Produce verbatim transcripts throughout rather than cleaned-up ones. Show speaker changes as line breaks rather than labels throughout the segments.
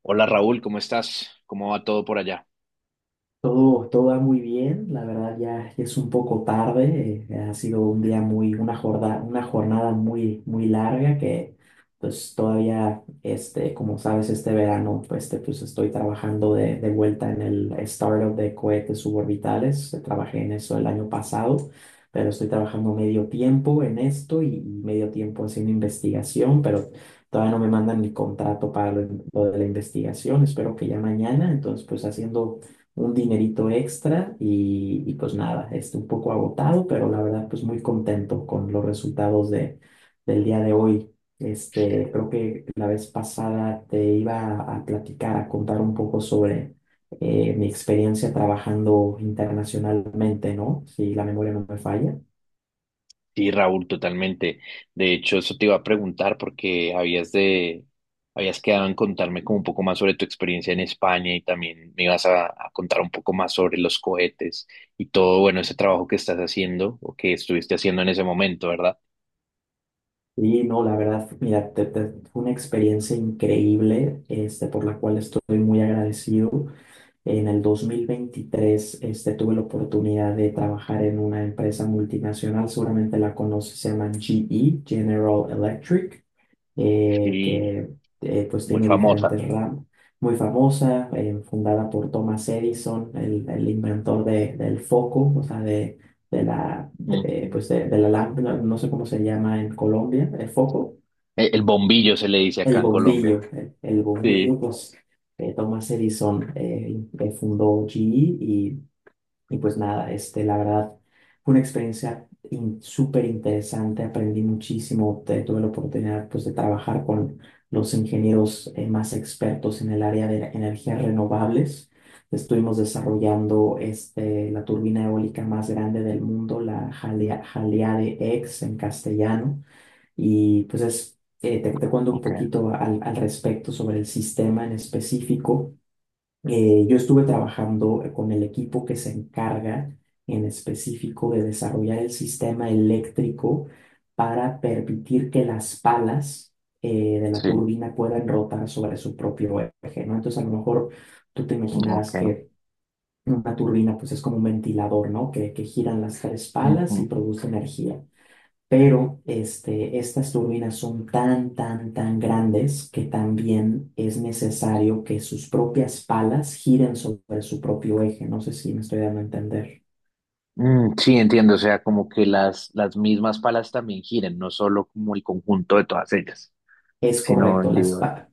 Hola Raúl, ¿cómo estás? ¿Cómo va todo por allá?
Todo, todo va muy bien, la verdad ya es un poco tarde, eh, ha sido un día, muy, una jornada, una jornada muy, muy larga que pues todavía, este, como sabes, este verano pues, este, pues estoy trabajando de, de vuelta en el startup de cohetes suborbitales, eh, trabajé en eso el año pasado, pero estoy trabajando medio tiempo en esto y, y medio tiempo haciendo investigación, pero todavía no me mandan el contrato para lo lo de la investigación, espero que ya mañana, entonces pues haciendo un dinerito extra y, y pues nada, este, un poco agotado, pero la verdad pues muy contento con los resultados de, del día de hoy. Este, creo que la vez pasada te iba a, platicar, a contar un poco sobre eh, mi experiencia trabajando internacionalmente, ¿no? Si la memoria no me falla.
Sí, Raúl, totalmente. De hecho, eso te iba a preguntar porque habías de, habías quedado en contarme como un poco más sobre tu experiencia en España y también me ibas a, a contar un poco más sobre los cohetes y todo, bueno, ese trabajo que estás haciendo o que estuviste haciendo en ese momento, ¿verdad?
Y no, la verdad, mira, te- te- fue una experiencia increíble, este, por la cual estoy muy agradecido. En el dos mil veintitrés este, tuve la oportunidad de trabajar en una empresa multinacional, seguramente la conoces, se llama G E, General Electric, eh,
Sí,
que eh, pues
muy
tiene
famosa.
diferentes ramas. Muy famosa, eh, fundada por Thomas Edison, el, el inventor de- del foco, o sea, de, de la, de,
Ujú.
pues de, de la lámpara, no sé cómo se llama en Colombia, el foco,
El, el bombillo se le dice acá
el
en
bombillo,
Colombia.
el, el bombillo,
Sí.
pues eh, Thomas Edison eh, eh, fundó G E y y pues nada, este, la verdad, fue una experiencia in- súper interesante, aprendí muchísimo, te- tuve la oportunidad pues de trabajar con los ingenieros eh, más expertos en el área de energías renovables. Estuvimos desarrollando este, la turbina eólica más grande del mundo, la Jalea- Jaleade X en castellano. Y pues es, eh, te, te cuento un
Ok,
poquito al, al respecto sobre el sistema en específico. Eh, yo estuve trabajando eh, con el equipo que se encarga en específico de desarrollar el sistema eléctrico para permitir que las palas eh, de la
sí,
turbina puedan rotar sobre su propio eje, ¿no? Entonces, a lo mejor tú te imaginarás
ok.
que una turbina, pues, es como un ventilador, ¿no? Que, que giran las tres palas y
Ujú.
produce energía, pero este, estas turbinas son tan, tan, tan grandes que también es necesario que sus propias palas giren sobre su propio eje. No sé si me estoy dando a entender.
Mm, sí, entiendo, o sea, como que las, las mismas palas también giren, no solo como el conjunto de todas ellas,
Es
sino
correcto, las
individual.
pa-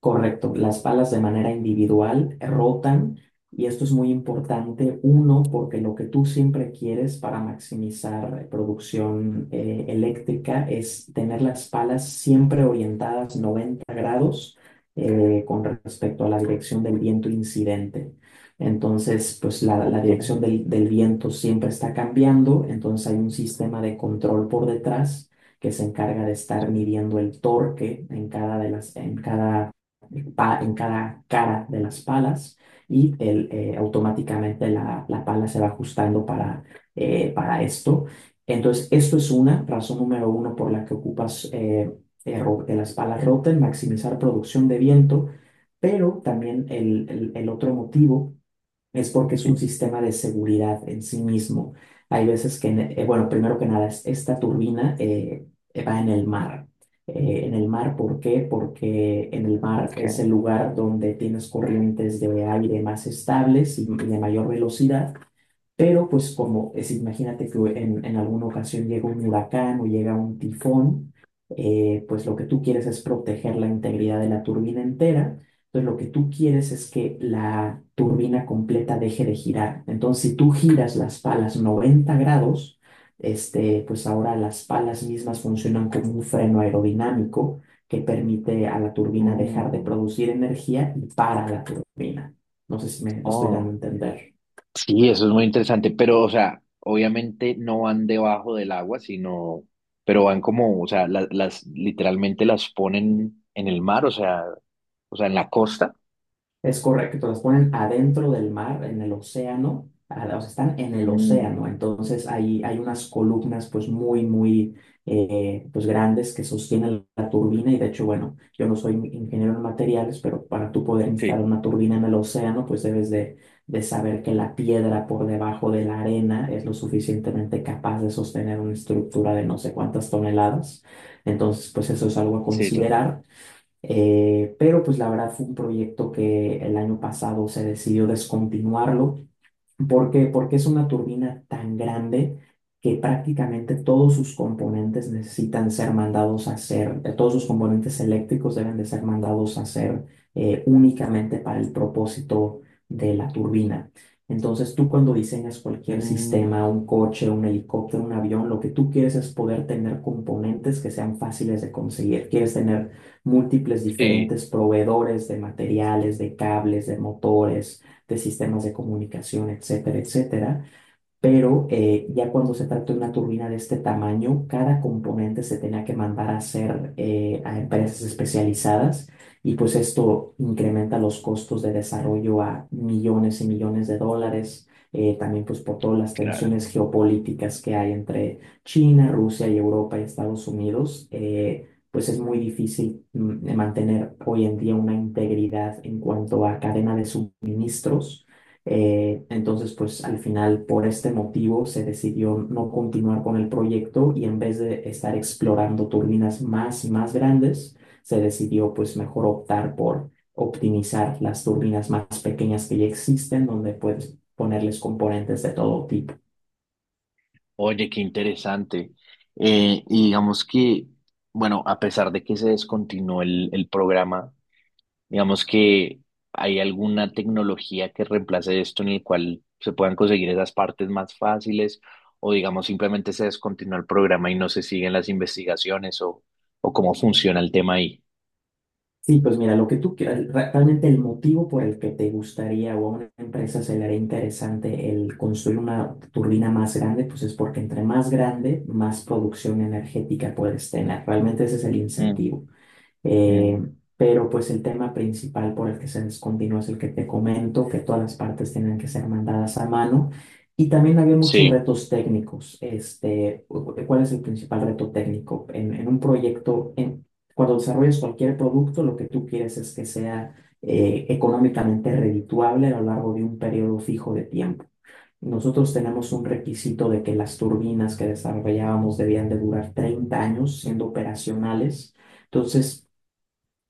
correcto, las palas de manera individual rotan, y esto es muy importante. Uno, porque lo que tú siempre quieres para maximizar producción eh, eléctrica es tener las palas siempre orientadas noventa grados eh, con respecto a la dirección del viento incidente. Entonces, pues la, la
Ok,
dirección del del viento siempre está cambiando, entonces hay un sistema de control por detrás que se encarga de estar
sí,
midiendo el torque en cada, de las, en cada, en cada cara de las palas, y el, eh, automáticamente la, la pala se va ajustando para, eh, para esto. Entonces, esto es una razón número uno por la que ocupas eh, eh, de las palas Rotten, maximizar producción de viento, pero también el, el el otro motivo es porque es un
sí,
sistema de seguridad en sí mismo. Hay veces que, eh, bueno, primero que nada, es- esta turbina eh, va en el mar. Eh, en el mar, ¿por qué? Porque en el mar es
ok.
el lugar donde tienes corrientes de aire más estables y de mayor velocidad, pero pues como es, imagínate que en, en alguna ocasión llega un huracán o llega un tifón. Eh, pues lo que tú quieres es proteger la integridad de la turbina entera. Entonces lo que tú quieres es que la turbina completa deje de girar. Entonces, si tú giras las palas noventa grados, este, pues ahora las palas mismas funcionan como un freno aerodinámico que permite a la turbina dejar de
Mm,
producir energía y para la turbina. No sé si me estoy dando a
oh,
entender.
sí, eso es muy interesante, pero, o sea, obviamente no van debajo del agua, sino, pero van como, o sea, la- las, literalmente las ponen en el mar, o sea, o sea, en la costa.
Es correcto, las ponen adentro del mar, en el océano, a- o sea, están en el
Mm,
océano, entonces ahí hay unas columnas pues muy, muy eh, pues grandes que sostienen la turbina. Y de hecho, bueno, yo no soy ingeniero en materiales, pero para tú poder instalar
sí,
una turbina en el océano pues debes de, de saber que la piedra por debajo de la arena es lo suficientemente capaz de sostener una estructura de no sé cuántas toneladas, entonces pues eso es algo a
sí, total.
considerar. Eh, pero pues la verdad fue un proyecto que el año pasado se decidió descontinuarlo. ¿Por qué? Porque es una turbina tan grande que prácticamente todos sus componentes necesitan ser mandados a hacer, eh, todos sus componentes eléctricos deben de ser mandados a hacer eh, únicamente para el propósito de la turbina. Entonces, tú cuando diseñas cualquier sistema,
Mm,
un coche, un helicóptero, un avión, lo que tú quieres es poder tener componentes que sean fáciles de conseguir. Quieres tener múltiples
sí,
diferentes proveedores de materiales, de cables, de motores, de sistemas de comunicación, etcétera, etcétera. Pero eh, ya cuando se trata de una turbina de este tamaño, cada componente se tenía que mandar a hacer eh, a empresas especializadas, y pues esto incrementa los costos de desarrollo a millones y millones de dólares. Eh, también pues por todas las
claro.
tensiones geopolíticas que hay entre China, Rusia y Europa y Estados Unidos, eh, pues es muy difícil mm, mantener hoy en día una integridad en cuanto a cadena de suministros. Eh, entonces, pues al final, por este motivo, se decidió no continuar con el proyecto, y en vez de estar explorando turbinas más y más grandes, se decidió pues mejor optar por optimizar las turbinas más pequeñas que ya existen, donde puedes ponerles componentes de todo tipo.
Oye, qué interesante. Eh, y digamos que, bueno, a pesar de que se descontinuó el, el programa, digamos que hay alguna tecnología que reemplace esto en el cual se puedan conseguir esas partes más fáciles, o digamos simplemente se descontinuó el programa y no se siguen las investigaciones, o, o cómo funciona el tema ahí.
Sí, pues mira, lo que tú quieras, re- realmente el motivo por el que te gustaría, o a una empresa se le haría interesante, el construir una turbina más grande pues es porque entre más grande, más producción energética puedes tener. Realmente ese es el
Mm,
incentivo. Eh,
mm,
pero pues el tema principal por el que se descontinuó es el que te comento, que todas las partes tenían que ser mandadas a mano. Y también había muchos
sí.
retos técnicos. Este, cu- ¿cuál es el principal reto técnico? En, en un proyecto, en, cuando desarrollas cualquier producto, lo que tú quieres es que sea eh, económicamente redituable a lo largo de un periodo fijo de tiempo. Nosotros tenemos un
Ujú.
requisito de que las turbinas que desarrollábamos debían de durar treinta años siendo operacionales. Entonces,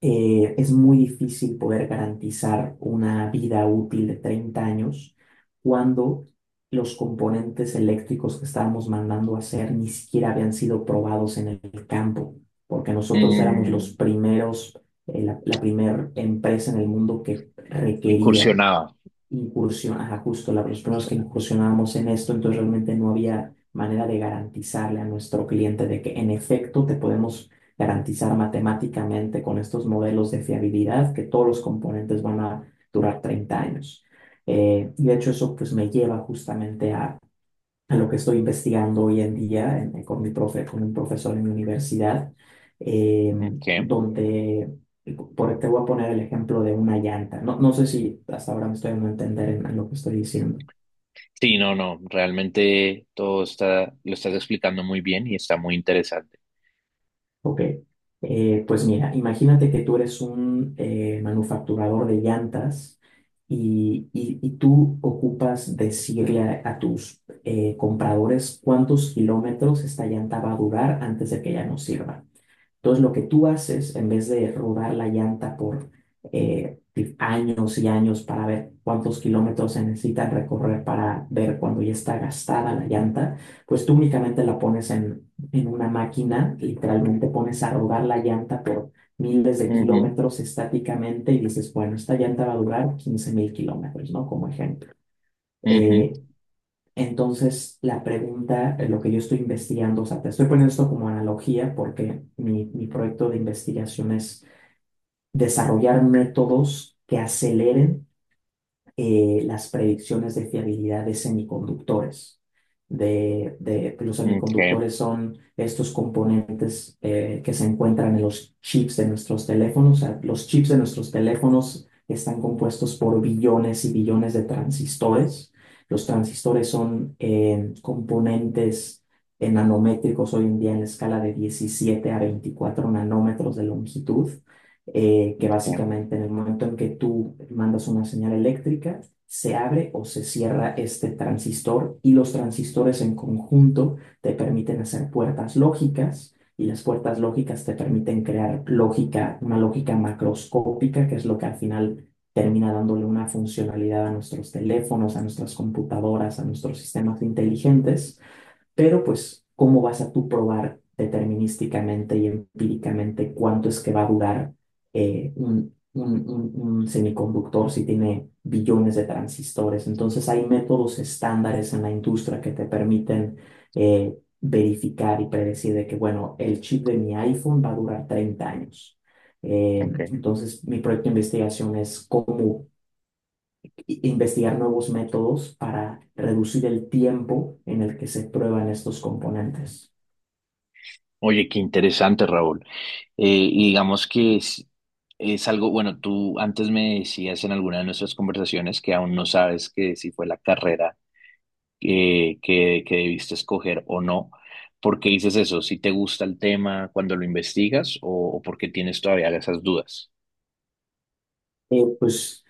eh, es muy difícil poder garantizar una vida útil de treinta años cuando los componentes eléctricos que estábamos mandando a hacer ni siquiera habían sido probados en el campo, porque nosotros éramos los
Mm,
primeros, eh, la, la primera empresa en el mundo que requería
incursionaba.
incursión, ajá, justo la- los primeros
Sí,
que incursionábamos en esto, entonces realmente no
sí.
había manera de garantizarle a nuestro cliente de que en efecto te podemos garantizar matemáticamente con estos modelos de fiabilidad que todos los componentes van a durar treinta años. Eh, y de hecho eso pues me lleva justamente a en lo que estoy investigando hoy en día, en- con mi profe, con un profesor en mi universidad, eh,
Ok.
donde, por, te voy a poner el ejemplo de una llanta. No, no sé si hasta ahora me estoy dando a entender en, en lo que estoy diciendo.
Sí, no, no, realmente todo está, lo estás explicando muy bien y está muy interesante.
Ok, Eh, pues mira, imagínate que tú eres un eh, manufacturador de llantas, y y- y tú ocupas decirle a, a tus eh, compradores cuántos kilómetros esta llanta va a durar antes de que ya no sirva. Entonces, lo que tú haces, en vez de rodar la llanta por eh, años y años para ver cuántos kilómetros se necesitan recorrer para ver cuando ya está gastada la llanta, pues tú únicamente la pones en, en una máquina, literalmente pones a rodar la llanta por miles de
Ujú,
kilómetros estáticamente y dices, bueno, esta llanta va a durar quince mil kilómetros, ¿no? Como ejemplo.
ujú,
Eh, entonces, la pregunta, eh, lo que yo estoy investigando, o sea, te estoy poniendo esto como analogía porque mi, mi proyecto de investigación es desarrollar métodos que aceleren eh, las predicciones de fiabilidad de semiconductores. De, de- los
okay,
semiconductores son estos componentes eh, que se encuentran en los chips de nuestros teléfonos. O sea, los chips de nuestros teléfonos están compuestos por billones y billones de transistores. Los transistores son eh, componentes eh, nanométricos hoy en día en la escala de diecisiete a veinticuatro nanómetros de longitud, eh, que
okay,
básicamente en el momento en que tú mandas una señal eléctrica, se abre o se cierra este transistor, y los transistores en conjunto te permiten hacer puertas lógicas, y las puertas lógicas te permiten crear lógica, una lógica macroscópica, que es lo que al final termina dándole una funcionalidad a nuestros teléfonos, a nuestras computadoras, a nuestros sistemas inteligentes. Pero pues, ¿cómo vas a tú probar determinísticamente y empíricamente cuánto es que va a durar eh, un, un- un- un semiconductor si tiene billones de transistores? Entonces, hay métodos estándares en la industria que te permiten eh, verificar y predecir de que, bueno, el chip de mi iPhone va a durar treinta años. Eh,
okay.
entonces, mi proyecto de investigación es cómo i- investigar nuevos métodos para reducir el tiempo en el que se prueban estos componentes.
Oye, qué interesante, Raúl. Eh, y digamos que es, es algo, bueno, tú antes me decías en alguna de nuestras conversaciones que aún no sabes que si fue la carrera eh, que, que debiste escoger o no. ¿Por qué dices eso? ¿Si te gusta el tema cuando lo investigas o, o porque tienes todavía esas dudas?
Eh, pues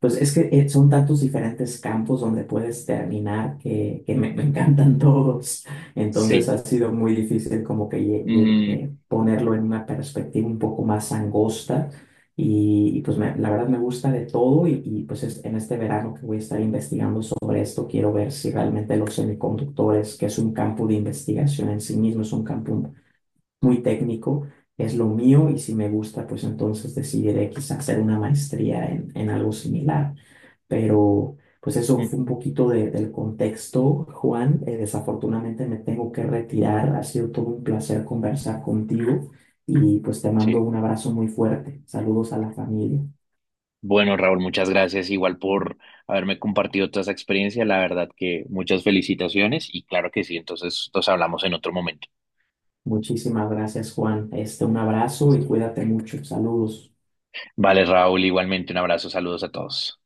Pues es que eh, son tantos diferentes campos donde puedes terminar que, que me, me encantan todos. Entonces
Sí.
ha sido muy difícil como que lle- lle-
Mm,
eh, ponerlo en una perspectiva un poco más angosta. Y, y, pues me- la verdad me gusta de todo, y, y, pues es- en este verano que voy a estar investigando sobre esto, quiero ver si realmente los semiconductores, que es un campo de investigación en sí mismo, es un campo muy técnico, es lo mío, y si me gusta, pues entonces decidiré quizás hacer una maestría en, en algo similar. Pero pues eso fue un
ujú,
poquito de- del contexto, Juan. Eh, desafortunadamente me tengo que retirar. Ha sido todo un placer conversar contigo, y pues te mando
sí.
un abrazo muy fuerte. Saludos a la familia.
Bueno, Raúl, muchas gracias igual por haberme compartido toda esa experiencia. La verdad que muchas felicitaciones y claro que sí, entonces nos hablamos en otro momento.
Muchísimas gracias, Juan. Este, un abrazo y
Listo.
cuídate mucho. Saludos.
Vale, Raúl, igualmente un abrazo, saludos a todos.